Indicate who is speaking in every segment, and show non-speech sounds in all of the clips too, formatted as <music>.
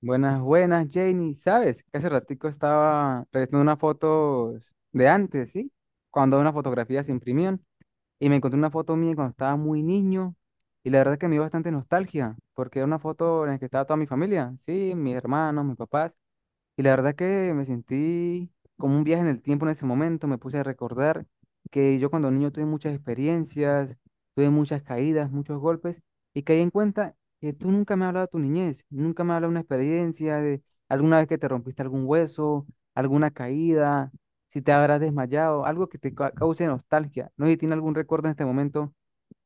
Speaker 1: Buenas, buenas, Janie. ¿Sabes? Que hace ratico estaba revisando unas fotos de antes, ¿sí? Cuando unas fotografías se imprimían y me encontré una foto mía cuando estaba muy niño y la verdad que me dio bastante nostalgia porque era una foto en la que estaba toda mi familia, ¿sí? Mis hermanos, mis papás. Y la verdad que me sentí como un viaje en el tiempo en ese momento. Me puse a recordar que yo cuando niño tuve muchas experiencias, tuve muchas caídas, muchos golpes, y caí en cuenta que tú nunca me has hablado de tu niñez, nunca me has hablado de una experiencia, de alguna vez que te rompiste algún hueso, alguna caída, si te habrás desmayado, algo que cause nostalgia. No sé si tiene algún recuerdo en este momento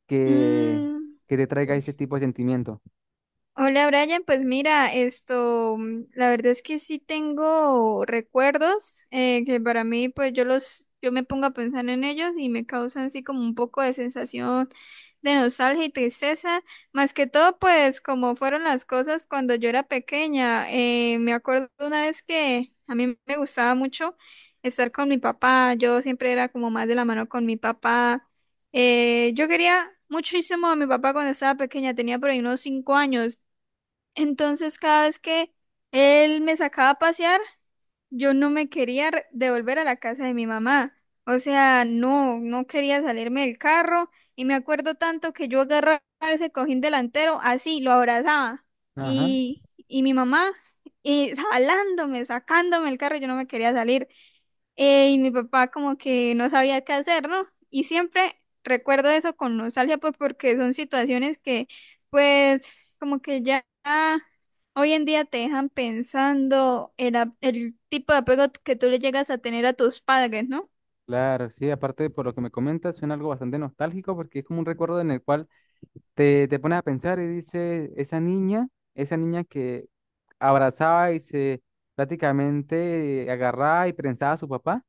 Speaker 1: que,
Speaker 2: Mm,
Speaker 1: que te traiga ese tipo de sentimiento.
Speaker 2: Hola Brian, pues mira, la verdad es que sí tengo recuerdos que para mí, pues yo me pongo a pensar en ellos y me causan así como un poco de sensación de nostalgia y tristeza. Más que todo, pues como fueron las cosas cuando yo era pequeña. Me acuerdo una vez que a mí me gustaba mucho estar con mi papá. Yo siempre era como más de la mano con mi papá. Yo quería muchísimo a mi papá cuando estaba pequeña, tenía por ahí unos 5 años. Entonces, cada vez que él me sacaba a pasear, yo no me quería devolver a la casa de mi mamá. O sea, no quería salirme del carro. Y me acuerdo tanto que yo agarraba ese cojín delantero, así, lo abrazaba.
Speaker 1: Ajá.
Speaker 2: Y mi mamá, y jalándome, sacándome el carro, yo no me quería salir. Y mi papá como que no sabía qué hacer, ¿no? Y siempre recuerdo eso con nostalgia, pues porque son situaciones que, pues, como que ya... Hoy en día te dejan pensando el tipo de apego que tú le llegas a tener a tus padres, ¿no?
Speaker 1: Claro, sí, aparte por lo que me comentas, suena algo bastante nostálgico porque es como un recuerdo en el cual te pones a pensar y dices, esa niña que abrazaba y se prácticamente agarraba y prensaba a su papá,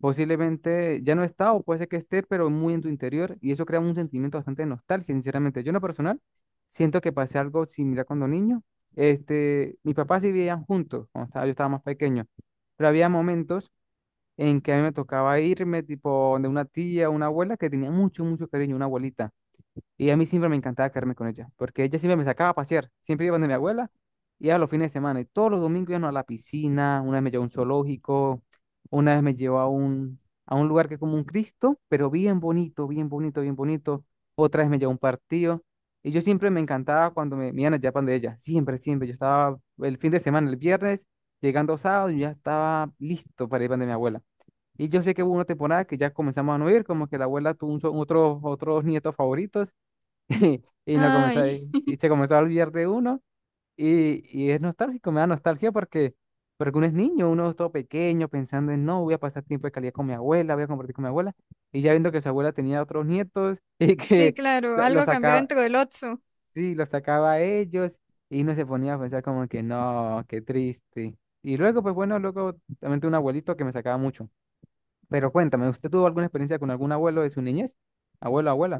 Speaker 1: posiblemente ya no está o puede ser que esté, pero muy en tu interior y eso crea un sentimiento bastante de nostalgia, sinceramente. Yo en lo personal siento que pasé algo similar cuando niño. Este, mis papás sí vivían juntos cuando estaba, yo estaba más pequeño, pero había momentos en que a mí me tocaba irme tipo de una tía, una abuela que tenía mucho, mucho cariño, una abuelita. Y a mí siempre me encantaba quedarme con ella, porque ella siempre me sacaba a pasear, siempre iba donde mi abuela, iba los fines de semana y todos los domingos íbamos a la piscina, una vez me llevó a un zoológico, una vez me llevó a a un lugar que es como un Cristo, pero bien bonito, bien bonito, bien bonito, otra vez me llevó a un partido. Y yo siempre me encantaba cuando me iban allá para de ella, siempre, siempre. Yo estaba el fin de semana, el viernes, llegando sábado, yo ya estaba listo para ir para de mi abuela. Y yo sé que hubo una temporada que ya comenzamos a no ir, como que la abuela tuvo otros nietos favoritos <laughs> y no comenzó, a-
Speaker 2: Ay,
Speaker 1: y se comenzó a olvidar de uno. Y es nostálgico, me da nostalgia porque, porque uno es niño, uno es todo pequeño, pensando en no, voy a pasar tiempo de calidad con mi abuela, voy a compartir con mi abuela. Y ya viendo que su abuela tenía otros nietos <laughs> y
Speaker 2: sí,
Speaker 1: que
Speaker 2: claro,
Speaker 1: los
Speaker 2: algo cambió
Speaker 1: sacaba,
Speaker 2: dentro del Otso.
Speaker 1: sí, los sacaba a ellos y uno se ponía a pensar como que no, qué triste. Y luego, pues bueno, luego también tuve un abuelito que me sacaba mucho pero cuéntame, ¿usted tuvo alguna experiencia con algún abuelo de su niñez? Abuelo, abuela.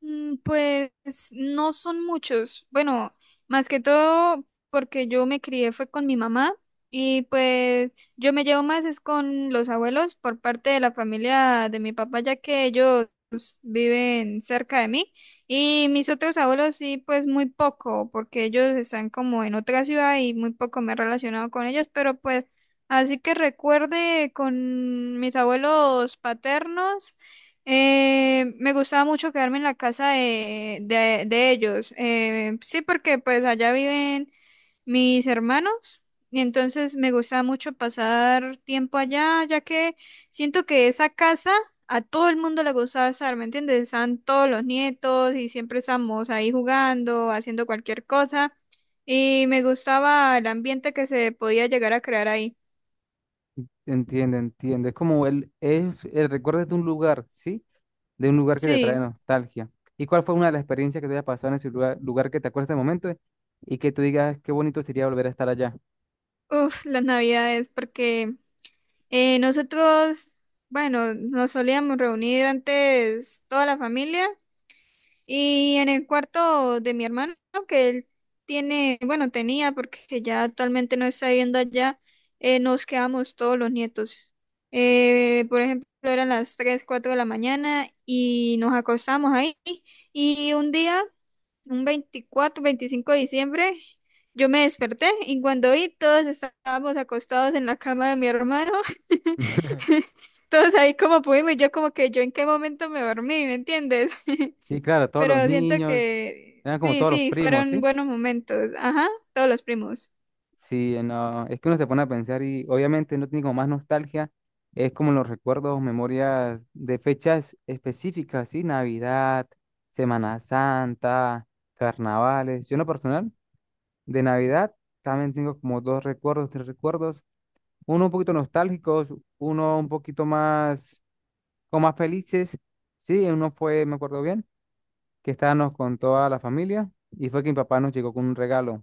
Speaker 2: Pues no son muchos. Bueno, más que todo porque yo me crié fue con mi mamá y pues yo me llevo más es con los abuelos por parte de la familia de mi papá, ya que ellos viven cerca de mí y mis otros abuelos sí, pues muy poco, porque ellos están como en otra ciudad y muy poco me he relacionado con ellos, pero pues así que recuerde con mis abuelos paternos. Me gustaba mucho quedarme en la casa de, de ellos. Sí, porque pues allá viven mis hermanos y entonces me gustaba mucho pasar tiempo allá, ya que siento que esa casa a todo el mundo le gustaba estar, ¿me entiendes? Estaban todos los nietos y siempre estábamos ahí jugando, haciendo cualquier cosa y me gustaba el ambiente que se podía llegar a crear ahí.
Speaker 1: Entiende, entiende. Es como el, es el recuerdo de un lugar, ¿sí? De un lugar que te trae
Speaker 2: Sí,
Speaker 1: nostalgia. ¿Y cuál fue una de las experiencias que te haya pasado en ese lugar, lugar que te acuerdas de momento y que tú digas qué bonito sería volver a estar allá?
Speaker 2: uff, las navidades, porque... Eh, nosotros, bueno, nos solíamos reunir antes toda la familia y en el cuarto de mi hermano, que él tiene, bueno, tenía, porque ya actualmente no está viviendo allá, nos quedamos todos los nietos. Por ejemplo, eran las 3 4 de la mañana y nos acostamos ahí y un día un 24 25 de diciembre, yo me desperté y cuando vi, todos estábamos acostados en la cama de mi hermano.
Speaker 1: <laughs>
Speaker 2: <laughs> Todos ahí como pudimos, y yo como que yo en qué momento me dormí, ¿me entiendes? <laughs>
Speaker 1: Sí, claro, todos los
Speaker 2: Pero siento
Speaker 1: niños,
Speaker 2: que
Speaker 1: eran como todos los
Speaker 2: sí,
Speaker 1: primos,
Speaker 2: fueron
Speaker 1: ¿sí?
Speaker 2: buenos momentos. Ajá, todos los primos.
Speaker 1: Sí, no, es que uno se pone a pensar y obviamente no tiene como más nostalgia, es como los recuerdos, memorias de fechas específicas, ¿sí? Navidad, Semana Santa, carnavales. Yo en lo personal, de Navidad también tengo como dos recuerdos, tres recuerdos, uno un poquito nostálgicos, uno un poquito más, como más felices, sí, uno fue, me acuerdo bien que estábamos con toda la familia y fue que mi papá nos llegó con un regalo.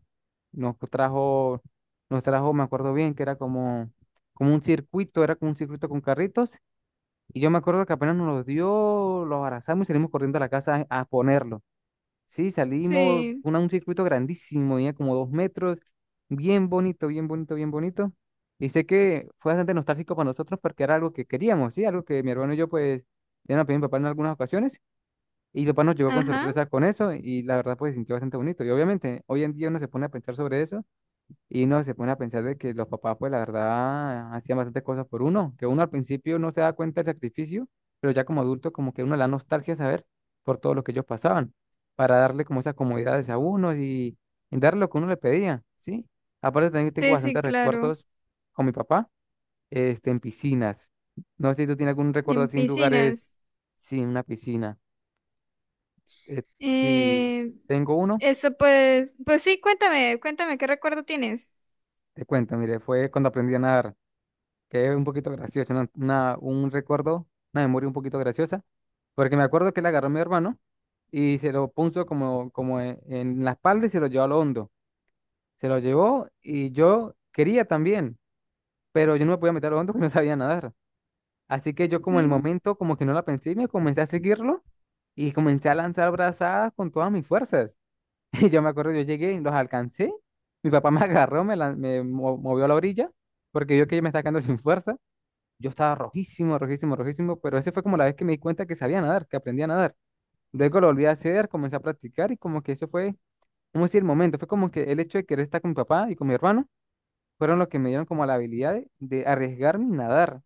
Speaker 1: Nos trajo, Nos trajo, me acuerdo bien, que era como un circuito, era como un circuito con carritos. Y yo me acuerdo que apenas nos lo dio, lo abrazamos y salimos corriendo a la casa a ponerlo. Sí, salimos,
Speaker 2: Sí,
Speaker 1: una, un circuito grandísimo, tenía como dos metros, bien bonito, bien bonito, bien bonito. Y sé que fue bastante nostálgico para nosotros porque era algo que queríamos, ¿sí? Algo que mi hermano y yo, pues, le a pedir a mi papá en algunas ocasiones. Y mi papá nos llegó con
Speaker 2: ajá.
Speaker 1: sorpresa con eso y la verdad pues se sintió bastante bonito. Y obviamente hoy en día uno se pone a pensar sobre eso y uno se pone a pensar de que los papás pues la verdad hacían bastantes cosas por uno, que uno al principio no se da cuenta del sacrificio, pero ya como adulto como que uno la nostalgia saber por todo lo que ellos pasaban, para darle como esas comodidades a uno y darle lo que uno le pedía, ¿sí? Aparte también tengo
Speaker 2: Sí, sí,
Speaker 1: bastantes
Speaker 2: claro.
Speaker 1: recuerdos con mi papá, este, en piscinas. No sé si tú tienes algún recuerdo
Speaker 2: En
Speaker 1: así en lugares
Speaker 2: piscinas.
Speaker 1: sin una piscina. Eh, si
Speaker 2: Eh,
Speaker 1: tengo uno,
Speaker 2: Eso pues, pues sí, cuéntame, ¿qué recuerdo tienes?
Speaker 1: te cuento, mire, fue cuando aprendí a nadar, que es un poquito gracioso, un recuerdo, una memoria un poquito graciosa, porque me acuerdo que le agarró a mi hermano y se lo puso en la espalda y se lo llevó a lo hondo. Se lo llevó y yo quería también, pero yo no me podía meter a lo hondo <laughs> porque no sabía nadar. Así que yo como en el
Speaker 2: Mm.
Speaker 1: momento como que no la pensé y me comencé a seguirlo y comencé a lanzar brazadas con todas mis fuerzas. <laughs> Y yo me acuerdo, yo llegué y los alcancé. Mi papá me <laughs> agarró, me, lan- me mo- movió a la orilla porque vio que yo me estaba quedando sin fuerza. Yo estaba rojísimo, rojísimo, rojísimo, pero esa fue como la vez que me di cuenta que sabía nadar, que aprendía a nadar. Luego lo volví a hacer, comencé a practicar y como que eso fue, vamos a decir, el momento. Fue como que el hecho de querer estar con mi papá y con mi hermano fueron los que me dieron como la habilidad de arriesgarme y nadar.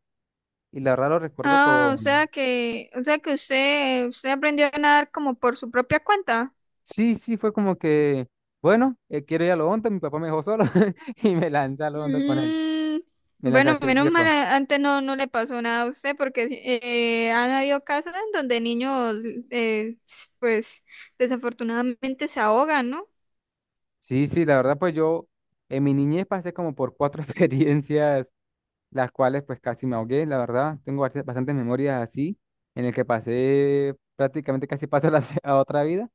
Speaker 1: Y la verdad lo recuerdo
Speaker 2: Ah,
Speaker 1: con...
Speaker 2: o sea que usted aprendió a nadar como por su propia cuenta.
Speaker 1: Sí, sí, fue como que, bueno, quiero ir a lo hondo, mi papá me dejó solo <laughs> y me lancé a lo hondo con él.
Speaker 2: Mm,
Speaker 1: Me lancé a
Speaker 2: bueno, menos mal,
Speaker 1: seguirlo.
Speaker 2: antes no le pasó nada a usted, porque sí, han habido casos en donde niños, eh, pues, desafortunadamente se ahogan, ¿no?
Speaker 1: Sí, sí, la verdad, pues yo en mi niñez pasé como por cuatro <laughs> experiencias, las cuales pues casi me ahogué, la verdad. Tengo bastantes memorias así, en el que pasé prácticamente casi paso <laughs> a otra vida,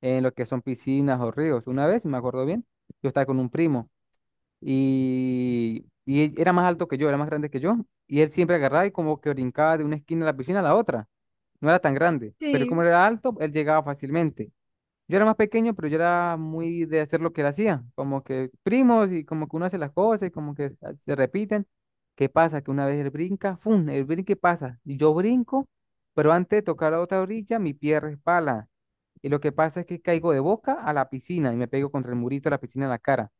Speaker 1: en lo que son piscinas o ríos. Una vez, si me acuerdo bien, yo estaba con un primo y él era más alto que yo, era más grande que yo, y él siempre agarraba y como que brincaba de una esquina de la piscina a la otra. No era tan grande, pero como
Speaker 2: Sí.
Speaker 1: era alto, él llegaba fácilmente. Yo era más pequeño, pero yo era muy de hacer lo que él hacía, como que primos y como que uno hace las cosas y como que ah, se repiten. ¿Qué pasa? Que una vez él brinca, ¡fum! El brinque pasa. Y yo brinco, pero antes de tocar la otra orilla, mi pie resbala. Y lo que pasa es que caigo de boca a la piscina y me pego contra el murito de la piscina en la cara.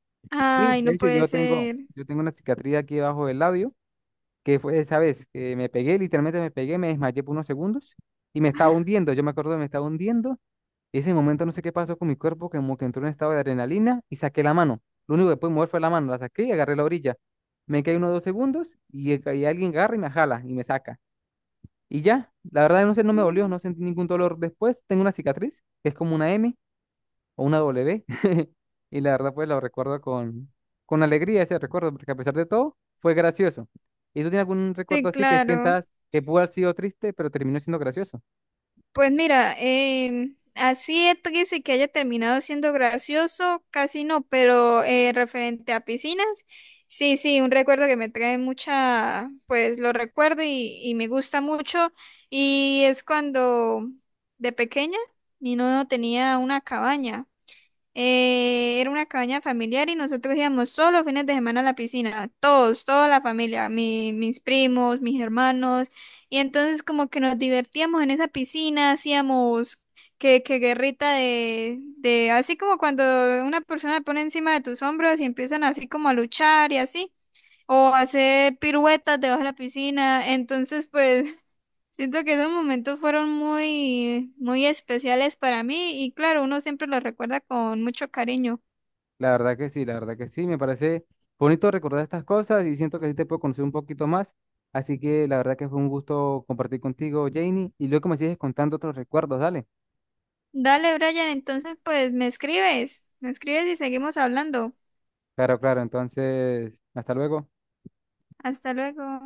Speaker 1: Sí,
Speaker 2: Ay,
Speaker 1: de
Speaker 2: no
Speaker 1: hecho
Speaker 2: puede ser.
Speaker 1: yo tengo una cicatriz aquí debajo del labio, que fue esa vez que me pegué, literalmente me pegué, me desmayé por unos segundos y me estaba hundiendo. Yo me acuerdo que me estaba hundiendo ese momento no sé qué pasó con mi cuerpo, que como que entró en un estado de adrenalina y saqué la mano. Lo único que pude mover fue la mano, la saqué y agarré la orilla. Me caí unos dos segundos y alguien agarra y me jala y me saca. Y ya, la verdad no sé, no me dolió,
Speaker 2: Mm,
Speaker 1: no sentí ningún dolor después. Tengo una cicatriz, que es como una M o una W. <laughs> Y la verdad pues lo recuerdo con alegría ese recuerdo, porque a pesar de todo fue gracioso. ¿Y tú tienes algún recuerdo
Speaker 2: Sí,
Speaker 1: así que
Speaker 2: claro.
Speaker 1: sientas que pudo haber sido triste, pero terminó siendo gracioso?
Speaker 2: Pues mira, así es triste que haya terminado siendo gracioso, casi no, pero referente a piscinas, sí, sí, un recuerdo que me trae mucha, pues lo recuerdo y me gusta mucho, y es cuando de pequeña mi no tenía una cabaña. Era una cabaña familiar y nosotros íbamos solo los fines de semana a la piscina, todos, toda la familia, mis primos, mis hermanos, y entonces como que nos divertíamos en esa piscina, hacíamos que guerrita de, así como cuando una persona te pone encima de tus hombros y empiezan así como a luchar y así, o hacer piruetas debajo de la piscina, entonces pues siento que esos momentos fueron muy, muy especiales para mí y claro, uno siempre los recuerda con mucho cariño.
Speaker 1: La verdad que sí, la verdad que sí, me parece bonito recordar estas cosas y siento que sí te puedo conocer un poquito más. Así que la verdad que fue un gusto compartir contigo, Janie, y luego me sigues contando otros recuerdos, dale.
Speaker 2: Dale, Brian, entonces pues me escribes y seguimos hablando.
Speaker 1: Claro, claro, entonces, hasta luego.
Speaker 2: Hasta luego.